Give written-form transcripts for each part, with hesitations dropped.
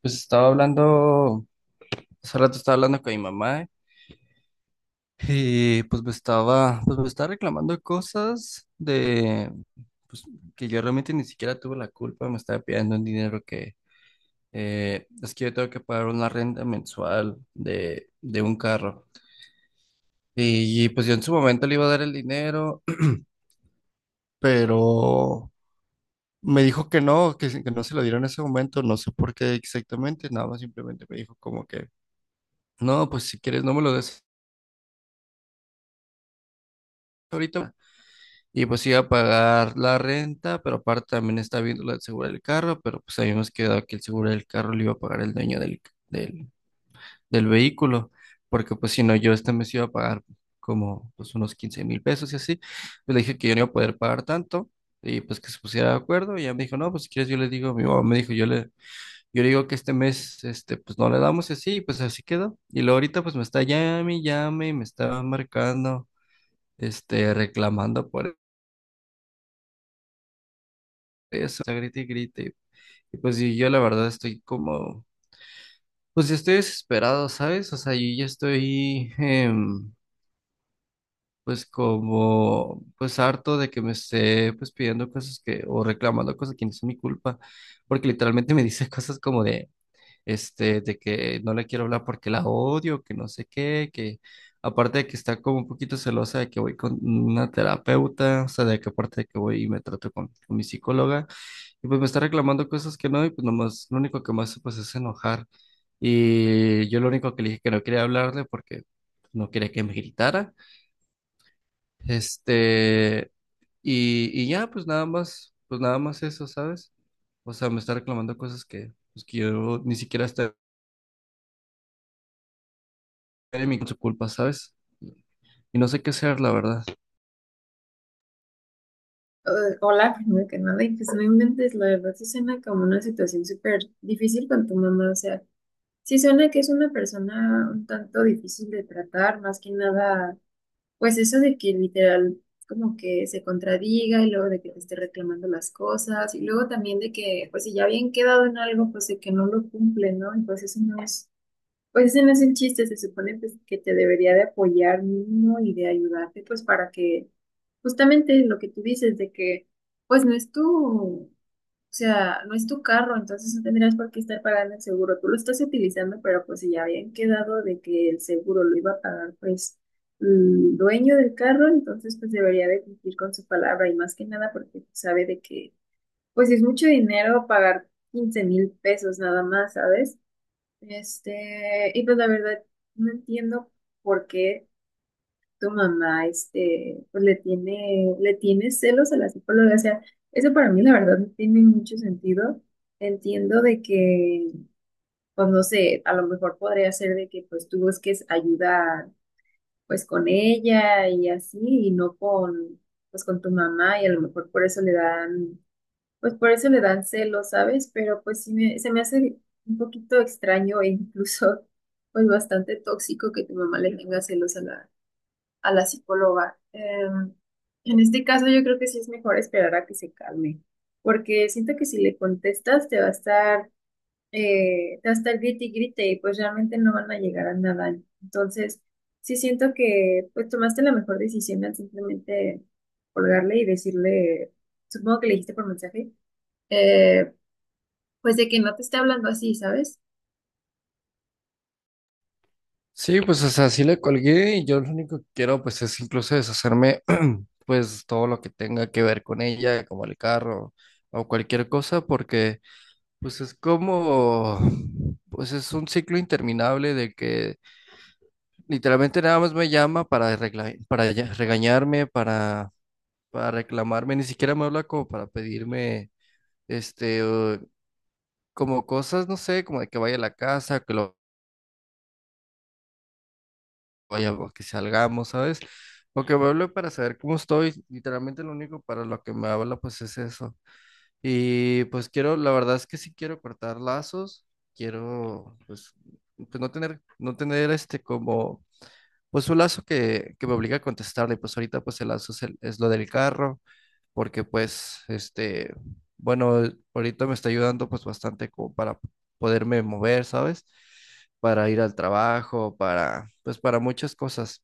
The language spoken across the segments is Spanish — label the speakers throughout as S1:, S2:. S1: Pues estaba hablando, hace rato estaba hablando con mi mamá y pues me estaba reclamando cosas de, pues que yo realmente ni siquiera tuve la culpa. Me estaba pidiendo un dinero que, es que yo tengo que pagar una renta mensual de un carro. Y pues yo en su momento le iba a dar el dinero, pero me dijo que no, que, que no se lo diera en ese momento. No sé por qué exactamente, nada más simplemente me dijo como que, no, pues si quieres no me lo des ahorita. Y pues iba a pagar la renta, pero aparte también estaba viendo la del seguro del carro, pero pues habíamos quedado que el seguro del carro lo iba a pagar el dueño del, del vehículo, porque pues si no, yo este mes iba a pagar como pues unos 15,000 pesos y así. Pues le dije que yo no iba a poder pagar tanto y pues que se pusiera de acuerdo, y ella me dijo, no, pues si quieres yo le digo, mi mamá me dijo, yo le digo que este mes, pues no le damos y así, y pues así quedó. Y luego ahorita pues me está llame y llame, y me está marcando, reclamando por eso, o sea, grite y grite. Y pues sí, yo la verdad estoy como, pues ya estoy desesperado, ¿sabes? O sea, yo ya estoy, pues como, pues harto de que me esté, pues pidiendo cosas que, o reclamando cosas que no son mi culpa, porque literalmente me dice cosas como de, de que no le quiero hablar porque la odio, que no sé qué, que aparte de que está como un poquito celosa de que voy con una terapeuta. O sea, de que aparte de que voy y me trato con mi psicóloga. Y pues me está reclamando cosas que no, y pues nomás, lo único que más pues es enojar. Y yo lo único que le dije que no quería hablarle porque no quería que me gritara. Este, y ya, pues nada más eso, ¿sabes? O sea, me está reclamando cosas que, pues que yo ni siquiera estoy en mi con su culpa, ¿sabes? Y no sé qué hacer, la verdad.
S2: Hola, primero que nada, y pues no inventes, la verdad sí suena como una situación súper difícil con tu mamá, o sea, sí suena que es una persona un tanto difícil de tratar, más que nada, pues eso de que literal como que se contradiga y luego de que te esté reclamando las cosas y luego también de que pues si ya habían quedado en algo, pues de que no lo cumple, ¿no? Y pues eso no es pues ese no es el chiste, se supone pues, que te debería de apoyar mínimo y de ayudarte, pues para que justamente lo que tú dices de que pues no es tu, o sea, no es tu carro, entonces no tendrías por qué estar pagando el seguro, tú lo estás utilizando, pero pues si ya habían quedado de que el seguro lo iba a pagar pues el dueño del carro, entonces pues debería de cumplir con su palabra y más que nada porque sabe de que pues si es mucho dinero pagar 15,000 pesos nada más, ¿sabes? Este, y pues la verdad no entiendo por qué tu mamá este, pues le tiene celos a la psicóloga. O sea, eso para mí la verdad no tiene mucho sentido. Entiendo de que, pues no sé, a lo mejor podría ser de que pues tú busques ayuda pues con ella y así, y no con, pues con tu mamá, y a lo mejor por eso le dan pues por eso le dan celos, ¿sabes? Pero pues sí me, se me hace un poquito extraño e incluso pues bastante tóxico que tu mamá le tenga celos a la psicóloga. En este caso yo creo que sí es mejor esperar a que se calme, porque siento que si le contestas te va a estar, te va a estar grite y grite y pues realmente no van a llegar a nada. Entonces sí siento que pues tomaste la mejor decisión al simplemente colgarle y decirle, supongo que le dijiste por mensaje eh, pues de que no te esté hablando así, ¿sabes?
S1: Sí, pues o sea, sí le colgué y yo lo único que quiero pues es incluso deshacerme pues todo lo que tenga que ver con ella, como el carro o cualquier cosa. Porque pues es como, pues es un ciclo interminable de que literalmente nada más me llama para, regañarme, para reclamarme. Ni siquiera me habla como para pedirme, este, eh, como cosas, no sé, como de que vaya a la casa, que lo vaya, o que salgamos, ¿sabes? Porque me hablo para saber cómo estoy. Literalmente lo único para lo que me habla pues es eso. Y pues quiero, la verdad es que sí quiero cortar lazos, quiero pues, pues no tener, no tener este como, pues un lazo que me obliga a contestarle. Pues ahorita pues el lazo es, es lo del carro, porque pues bueno, ahorita me está ayudando pues bastante como para poderme mover, ¿sabes? Para ir al trabajo, para, pues para muchas cosas.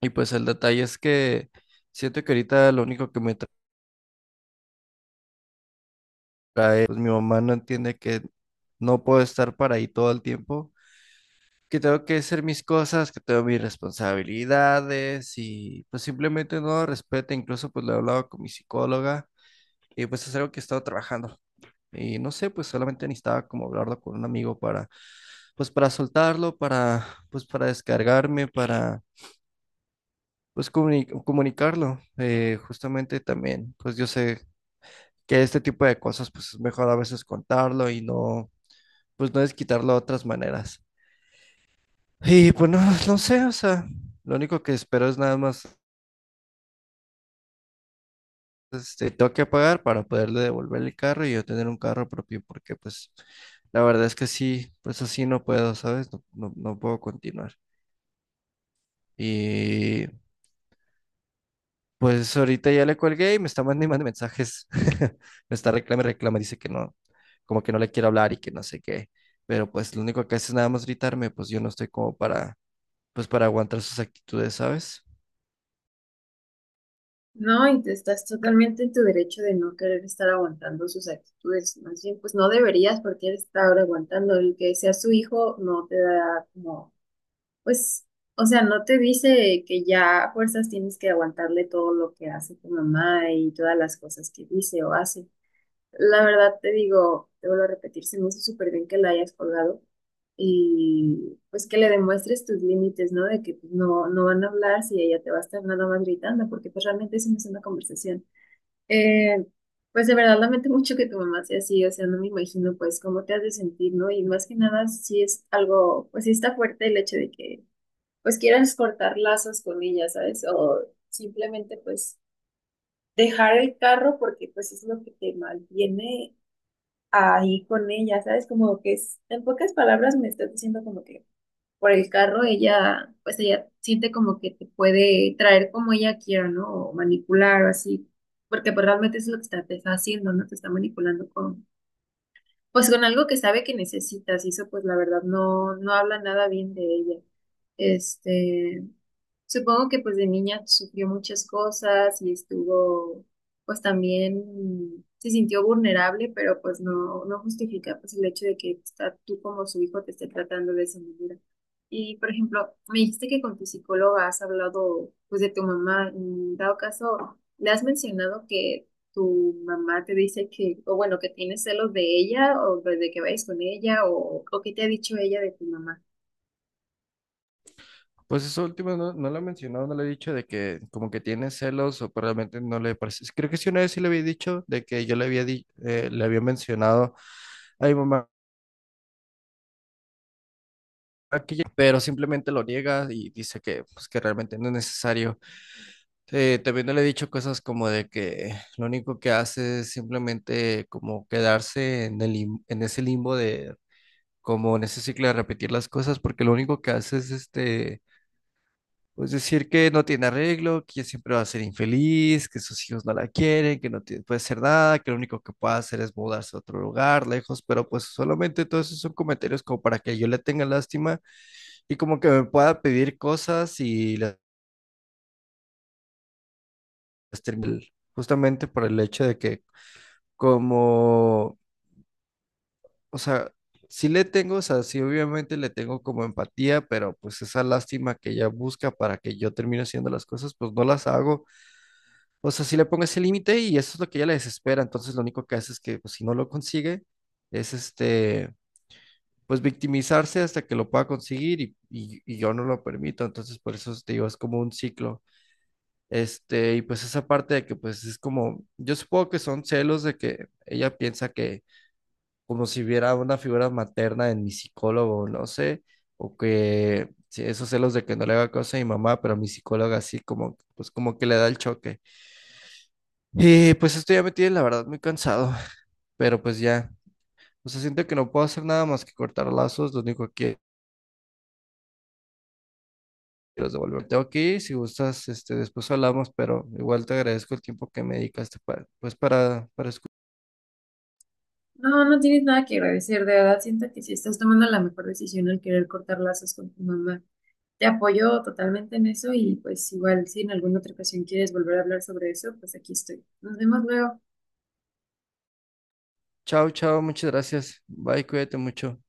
S1: Y pues el detalle es que siento que ahorita lo único que me trae, pues mi mamá no entiende que no puedo estar para ahí todo el tiempo, que tengo que hacer mis cosas, que tengo mis responsabilidades, y pues simplemente no respeta. Incluso pues lo he hablado con mi psicóloga y pues es algo que he estado trabajando. Y no sé, pues solamente necesitaba como hablarlo con un amigo para, pues para soltarlo, para, pues para descargarme, para, pues comunicarlo. Justamente también, pues yo sé que este tipo de cosas, pues es mejor a veces contarlo y no, pues no es quitarlo de otras maneras. Y pues no, no sé, o sea, lo único que espero es nada más, tengo que pagar para poderle devolver el carro y yo tener un carro propio, porque pues la verdad es que sí, pues así no puedo, ¿sabes? No, no, no puedo continuar. Y pues ahorita ya le colgué y me está mandando y mandando mensajes. Me está reclama y reclama, dice que no, como que no le quiero hablar y que no sé qué. Pero pues lo único que hace es nada más gritarme. Pues yo no estoy como para, pues para aguantar sus actitudes, ¿sabes?
S2: No, y te estás totalmente en tu derecho de no querer estar aguantando sus actitudes. Más bien, pues no deberías porque él está ahora aguantando. El que sea su hijo no te da como, pues, o sea, no te dice que ya a fuerzas tienes que aguantarle todo lo que hace tu mamá y todas las cosas que dice o hace. La verdad te digo, te vuelvo a repetir, se me hizo súper bien que la hayas colgado y pues que le demuestres tus límites, ¿no? De que pues, no, no van a hablar si ella te va a estar nada más gritando, porque pues realmente eso no es una conversación. Eh, pues de verdad lamento mucho que tu mamá sea así, o sea, no me imagino pues cómo te has de sentir, ¿no? Y más que nada sí es algo, pues sí está fuerte el hecho de que pues quieras cortar lazos con ella, ¿sabes? O simplemente pues dejar el carro porque pues es lo que te malviene ahí con ella, ¿sabes? Como que es, en pocas palabras me estás diciendo como que por el carro ella, pues ella siente como que te puede traer como ella quiera, ¿no? O manipular o así, porque pues realmente es lo que está, te está haciendo, ¿no? Te está manipulando con, pues con algo que sabe que necesitas y eso pues la verdad no, no habla nada bien de ella. Este, supongo que pues de niña sufrió muchas cosas y estuvo, pues también se sintió vulnerable, pero pues no, no justifica pues el hecho de que está, tú como su hijo te esté tratando de esa manera. Y por ejemplo, me dijiste que con tu psicóloga has hablado pues de tu mamá, en dado caso, ¿le has mencionado que tu mamá te dice que, o bueno, que tienes celos de ella o de que vayas con ella o qué te ha dicho ella de tu mamá?
S1: Pues eso último no, no lo he mencionado, no le he dicho de que como que tiene celos o pues, realmente no le parece. Creo que sí una vez sí le había dicho de que yo le había, le había mencionado a mi mamá pero simplemente lo niega y dice que pues que realmente no es necesario. Sí, también le he dicho cosas como de que lo único que hace es simplemente como quedarse en el, en ese limbo de, como en ese ciclo de repetir las cosas, porque lo único que hace es pues decir que no tiene arreglo, que ella siempre va a ser infeliz, que sus hijos no la quieren, que no puede hacer nada, que lo único que puede hacer es mudarse a otro lugar, lejos. Pero pues solamente todos esos son comentarios como para que yo le tenga lástima y como que me pueda pedir cosas y las termine, justamente por el hecho de que como, o sea, sí le tengo, o sea, sí obviamente le tengo como empatía, pero pues esa lástima que ella busca para que yo termine haciendo las cosas, pues no las hago. O sea, sí le pongo ese límite y eso es lo que ella le desespera. Entonces lo único que hace es que pues, si no lo consigue, es pues victimizarse hasta que lo pueda conseguir, y yo no lo permito. Entonces por eso te digo, es como un ciclo. Y pues esa parte de que pues es como, yo supongo que son celos de que ella piensa que como si hubiera una figura materna en mi psicólogo, no sé, o que sí, esos celos de que no le haga cosa a mi mamá, pero mi psicóloga así como, pues como que le da el choque. Y pues esto ya me tiene, la verdad, muy cansado, pero pues ya, o sea, siento que no puedo hacer nada más que cortar lazos. Lo único que quiero es devolverte aquí, si gustas, después hablamos, pero igual te agradezco el tiempo que me dedicaste para, pues para escuchar.
S2: No, no tienes nada que agradecer, de verdad siento que si estás tomando la mejor decisión al querer cortar lazos con tu mamá. Te apoyo totalmente en eso y pues igual si en alguna otra ocasión quieres volver a hablar sobre eso, pues aquí estoy. Nos vemos luego.
S1: Chao, chao, muchas gracias. Bye, cuídate mucho.